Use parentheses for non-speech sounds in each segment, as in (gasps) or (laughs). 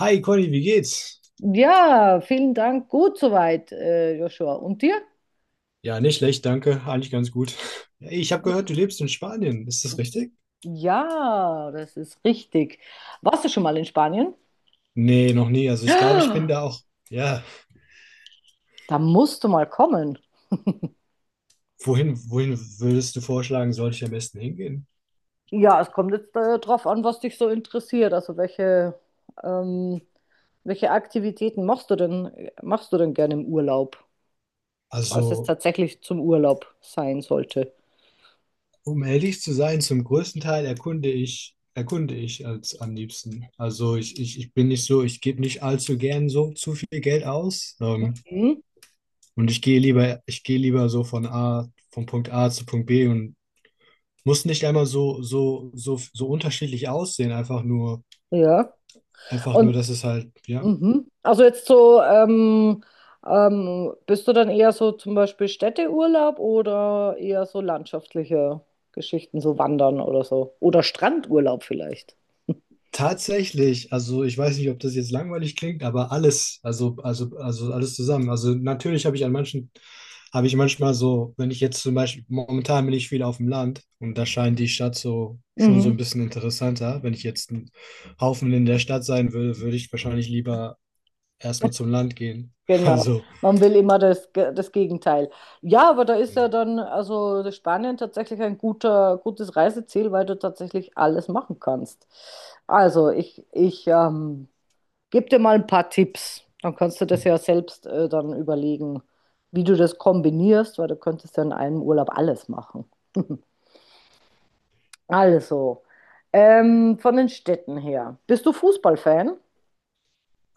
Hi Conny, wie geht's? Ja, vielen Dank. Gut soweit, Joshua. Und dir? Ja, nicht schlecht, danke. Eigentlich ganz gut. Ich habe gehört, du lebst in Spanien. Ist das richtig? Ja, das ist richtig. Warst du schon mal in Spanien? Nee, noch nie. Also ich glaube, ich bin da (gasps) auch. Ja, Da musst du mal kommen. wohin würdest du vorschlagen, sollte ich am besten hingehen? Ja, es kommt jetzt drauf an, was dich so interessiert. Also ähm, welche Aktivitäten machst du denn gerne im Urlaub, falls es Also, tatsächlich zum Urlaub sein sollte? um ehrlich zu sein, zum größten Teil erkunde ich als am liebsten. Also ich bin nicht so, ich gebe nicht allzu gern so zu viel Geld aus. Hm? Und ich gehe lieber so von Punkt A zu Punkt B und muss nicht einmal so unterschiedlich aussehen, Ja. einfach nur, Und dass es halt, ja. mhm. Also jetzt so, bist du dann eher so zum Beispiel Städteurlaub oder eher so landschaftliche Geschichten, so Wandern oder so? Oder Strandurlaub vielleicht? Tatsächlich, also ich weiß nicht, ob das jetzt langweilig klingt, aber alles, also alles zusammen. Also natürlich habe ich habe ich manchmal so, wenn ich jetzt zum Beispiel, momentan bin ich viel auf dem Land und da scheint die Stadt so schon so ein Mhm. bisschen interessanter. Wenn ich jetzt ein Haufen in der Stadt sein würde, würde ich wahrscheinlich lieber erstmal zum Land gehen. (laughs) Genau. Also, Man will immer das Gegenteil. Ja, aber da ist ja hm. dann, also Spanien tatsächlich ein gutes Reiseziel, weil du tatsächlich alles machen kannst. Also ich gib dir mal ein paar Tipps. Dann kannst du das ja selbst dann überlegen, wie du das kombinierst, weil du könntest ja in einem Urlaub alles machen. (laughs) Also, von den Städten her. Bist du Fußballfan?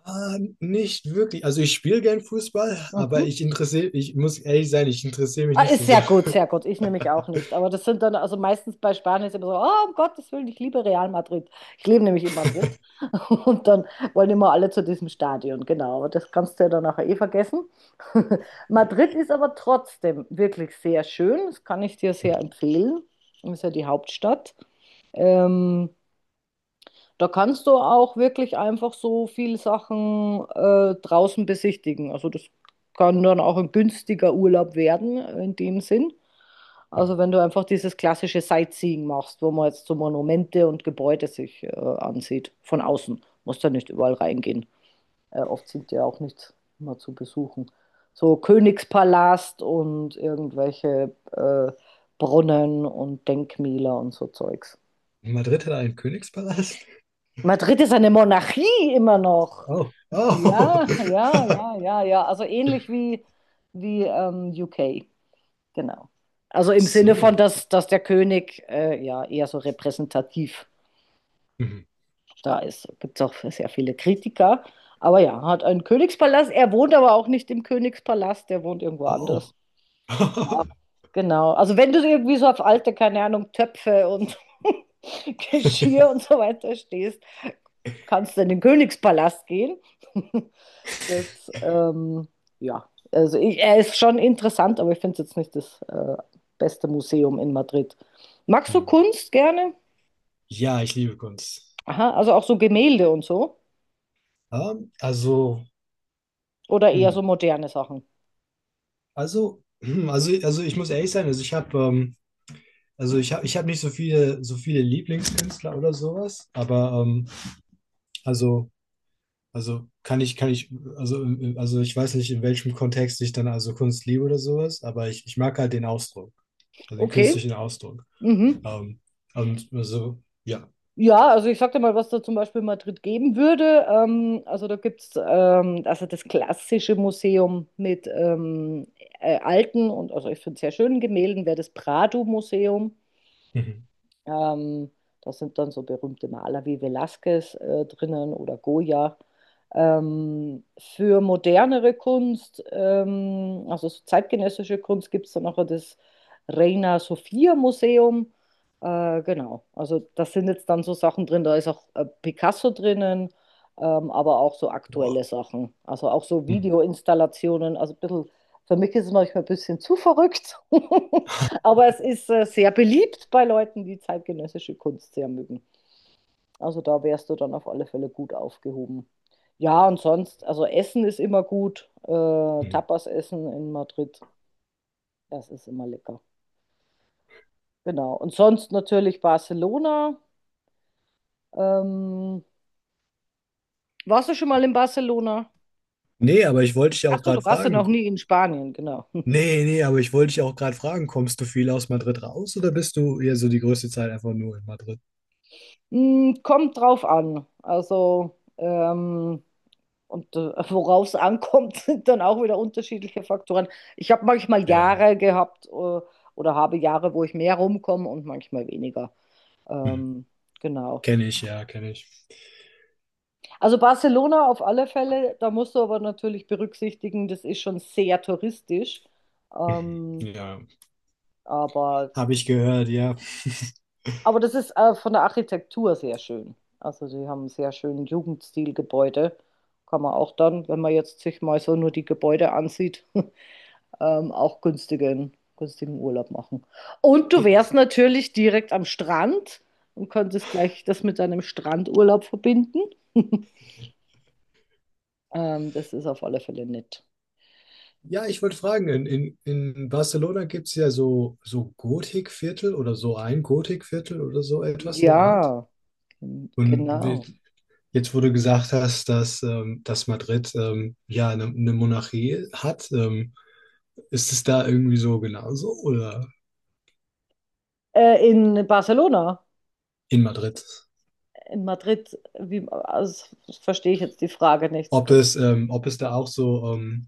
Ah, nicht wirklich. Also ich spiele gern Fußball, aber Mhm. Ich muss ehrlich sein, ich interessiere mich Ah, nicht ist so sehr sehr. gut, sehr gut. Ich nehme mich auch nicht. Aber das sind dann, also meistens bei Spanien ist immer so, oh, um Gottes Willen, ich liebe Real Madrid. Ich lebe nämlich in Madrid. (laughs) Und dann wollen immer alle zu diesem Stadion, genau. Aber das kannst du ja dann nachher eh vergessen. (laughs) Madrid ist aber trotzdem wirklich sehr schön. Das kann (laughs) ich dir sehr Hm, empfehlen. Ist ja die Hauptstadt. Ähm, Da kannst du auch wirklich einfach so viele Sachen draußen besichtigen. Also das kann dann auch ein günstiger Urlaub werden in dem Sinn. hm. Also wenn du einfach dieses klassische Sightseeing machst, wo man jetzt so Monumente und Gebäude sich ansieht, von außen, musst ja nicht überall reingehen. Oft sind ja auch nicht immer zu besuchen. So Königspalast und irgendwelche Brunnen und Denkmäler und so Zeugs. Madrid hat einen Königspalast? Madrid ist eine Monarchie immer noch. Oh, oh. Ja, ja, (laughs) ja, ja, ja. Also ähnlich wie UK, genau. Also Ach im Sinne von, so. Dass der König ja eher so repräsentativ Hm. da ist. Gibt es auch sehr viele Kritiker. Aber ja, hat einen Königspalast. Er wohnt aber auch nicht im Königspalast, der wohnt irgendwo anders. Oh. Ja, (laughs) genau. Also wenn du irgendwie so auf alte, keine Ahnung, Töpfe und (laughs) Geschirr und so weiter stehst, kannst du in den Königspalast gehen. (laughs) Das, ähm, ja, also ich, er ist schon interessant, aber ich finde es jetzt nicht das beste Museum in Madrid. Magst du Hm. Kunst gerne? Ja, ich liebe Kunst. Aha, also auch so Gemälde und so? Also, Oder eher so hm. moderne Sachen? Also ich muss ehrlich sein, also ich habe nicht so viele, so viele Lieblingskünstler oder sowas, aber also. Also kann ich, also ich weiß nicht, in welchem Kontext ich dann also Kunst liebe oder sowas, aber ich mag halt den Ausdruck, also den Okay. künstlichen Ausdruck. Mhm. Ähm, und also, ja. Ja, also ich sag dir mal, was da zum Beispiel in Madrid geben würde. Also da gibt es also das klassische Museum mit alten und also ich finde sehr schönen Gemälden, wäre das Prado-Museum. Mhm. Ähm, Da sind dann so berühmte Maler wie Velázquez drinnen oder Goya. Für modernere Kunst, also so zeitgenössische Kunst, gibt es dann auch das Reina Sofia Museum. Genau, also da sind jetzt dann so Sachen drin, da ist auch Picasso drinnen, aber auch so Boah. aktuelle Sachen, also auch so Mhm. Videoinstallationen, also ein für mich ist es manchmal ein bisschen zu verrückt. (laughs) Aber es ist sehr beliebt bei Leuten, die zeitgenössische Kunst sehr mögen. Also da wärst du dann auf alle Fälle gut aufgehoben. Ja, und sonst, also Essen ist immer gut. Mhm. Tapas essen in Madrid, das ist immer lecker. Genau. Und sonst natürlich Barcelona. Ähm, warst du schon mal in Barcelona? Nee, aber ich wollte dich ja Ach auch so, du gerade warst ja fragen. noch nie in Spanien, genau. (laughs) Aber ich wollte dich ja auch gerade fragen, kommst du viel aus Madrid raus oder bist du eher so die größte Zeit einfach nur in Madrid? Hm, kommt drauf an. Und worauf es ankommt, (laughs) sind dann auch wieder unterschiedliche Faktoren. Ich habe manchmal Ja. Jahre gehabt oder habe Jahre, wo ich mehr rumkomme und manchmal weniger. Mhm. Ähm, genau. Kenne ich, ja, kenne ich. Also Barcelona auf alle Fälle, da musst du aber natürlich berücksichtigen, das ist schon sehr touristisch. Mhm. Ähm, Ja. aber, Habe ich das, gehört, ja. aber das ist von der Architektur sehr schön. Also sie haben einen sehr schönen Jugendstilgebäude. Kann man auch dann, wenn man jetzt sich mal so nur die Gebäude ansieht. (laughs) Auch günstigen Urlaub machen. Und du Ge wärst natürlich direkt am Strand und könntest gleich das mit deinem Strandurlaub verbinden. (laughs) Das ist auf alle Fälle nett. ja, ich wollte fragen, in, in Barcelona gibt es ja so, so Gotikviertel oder so ein Gotikviertel oder so etwas in der Art. Ja, Und genau. wie, jetzt, wo du gesagt hast, dass, dass Madrid ja eine Monarchie hat, ist es da irgendwie so genauso oder In Barcelona, in Madrid? in Madrid, wie, also, das verstehe ich jetzt die Frage nicht. Ob es da auch so,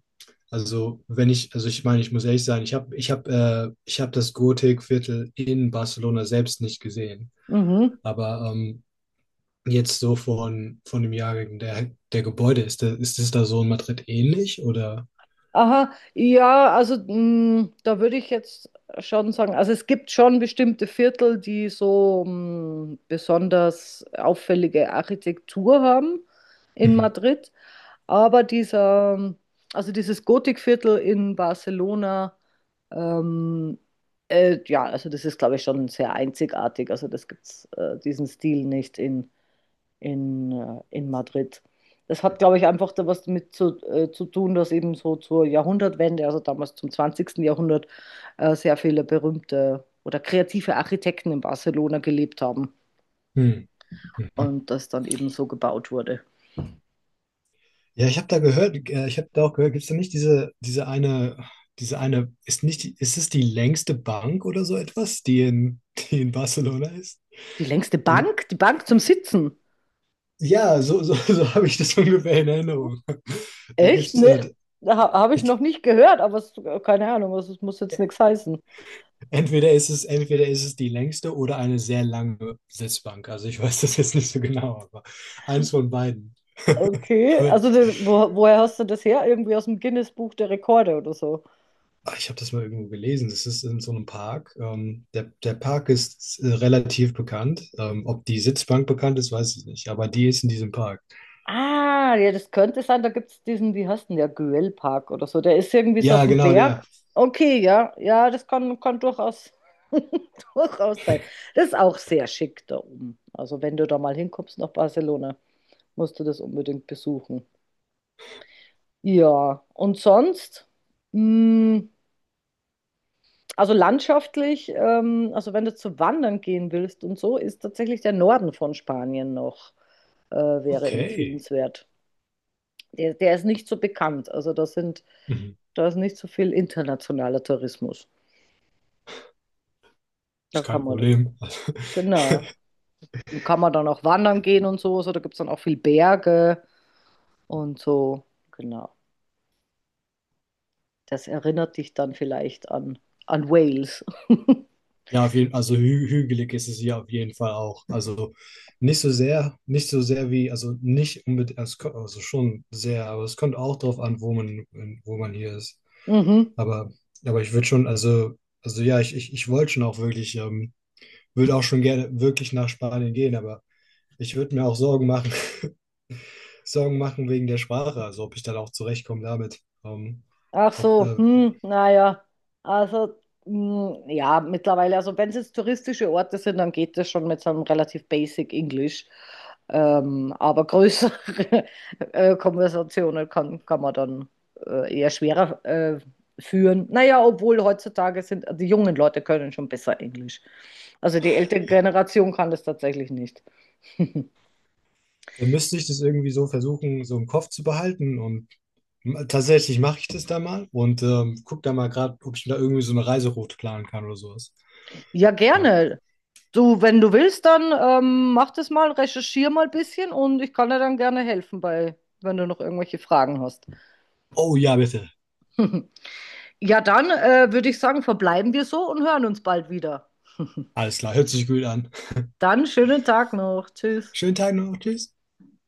also wenn ich, also ich meine, ich muss ehrlich sein, ich habe das Gotikviertel in Barcelona selbst nicht gesehen. Mhm. Aber jetzt so von dem Jahrgang der Gebäude ist das da so in Madrid ähnlich oder? Aha, ja, also mh, da würde ich jetzt schon sagen, also es gibt schon bestimmte Viertel, die so mh, besonders auffällige Architektur haben in Mhm. Madrid, aber dieser, also dieses Gotikviertel in Barcelona, ähm, ja, also das ist, glaube ich, schon sehr einzigartig, also das gibt's diesen Stil nicht in Madrid. Das hat, glaube ich, einfach da was damit zu tun, dass eben so zur Jahrhundertwende, also damals zum 20. Jahrhundert, sehr viele berühmte oder kreative Architekten in Barcelona gelebt haben Hm. Mhm. und das dann eben so gebaut wurde. Ja, ich habe da gehört, ich habe da auch gehört, gibt es da nicht diese eine, ist nicht, die- ist es die längste Bank oder so etwas, die in, die in Barcelona ist? Die längste Äh, Bank? Die Bank zum Sitzen? Ja, (laughs) so habe ich das ungefähr in Erinnerung. Da Echt? gibt's, Habe ich ich, noch nicht gehört, keine Ahnung, also es muss jetzt nichts heißen. Entweder ist es die längste oder eine sehr lange Sitzbank. Also ich weiß das jetzt nicht so genau, aber eins von beiden. Okay, Aber also woher hast du das her? Irgendwie aus dem Guinness-Buch der Rekorde oder so? Ah, ich habe das mal irgendwo gelesen. Das ist in so einem Park. Der Park ist relativ bekannt. Ob die Sitzbank bekannt ist, weiß ich nicht. Aber die ist in diesem Park. Ah, ja, das könnte sein, da gibt es diesen, wie heißt denn der, Güellpark oder so. Der ist irgendwie so auf Ja, dem genau, der. Berg. Okay, ja, ja, das kann durchaus, (laughs) durchaus sein. Das ist auch sehr schick da oben. Also wenn du da mal hinkommst nach Barcelona, musst du das unbedingt besuchen. Ja, und sonst, mh, also landschaftlich, also wenn du zu wandern gehen willst und so, ist tatsächlich der Norden von Spanien wäre Okay. empfehlenswert. Der ist nicht so bekannt. Also da sind Mhm. da ist nicht so viel internationaler Tourismus. Da Ist kann kein man, Problem. (laughs) genau. Und kann man dann auch wandern gehen und so. So, da gibt es dann auch viel Berge und so. Genau. Das erinnert dich dann vielleicht an Wales. Ja, auf jeden, also hü hügelig ist es hier auf jeden Fall auch. Also nicht so sehr wie, also nicht unbedingt, es ko- also schon sehr, aber es kommt auch drauf an, wo man hier ist. (laughs) Mhm. Aber, aber ich würde schon, also ja, ich wollte schon auch wirklich würde auch schon gerne wirklich nach Spanien gehen, aber ich würde mir auch Sorgen machen, (laughs) Sorgen machen wegen der Sprache, also ob ich dann auch zurechtkomme damit. Ach ob, so, äh, hm, naja. Also, hm, ja, mittlerweile, also wenn es jetzt touristische Orte sind, dann geht das schon mit so einem relativ basic Englisch. Aber größere (laughs) Konversationen kann man dann eher schwerer führen. Naja, obwohl heutzutage sind die jungen Leute können schon besser Englisch. Also die ältere Generation kann das tatsächlich nicht. Dann müsste ich das irgendwie so versuchen, so im Kopf zu behalten und tatsächlich mache ich das da mal und guck da mal gerade, ob ich da irgendwie so eine Reiseroute planen kann oder sowas. Ja, Ja. gerne. Du, wenn du willst, dann mach das mal, recherchier mal ein bisschen und ich kann dir dann gerne helfen bei, wenn du noch irgendwelche Fragen hast. Oh ja, bitte. (laughs) Ja, dann würde ich sagen, verbleiben wir so und hören uns bald wieder. Alles klar, hört sich gut an. Dann schönen Tag noch. Tschüss. Schönen Tag noch, tschüss.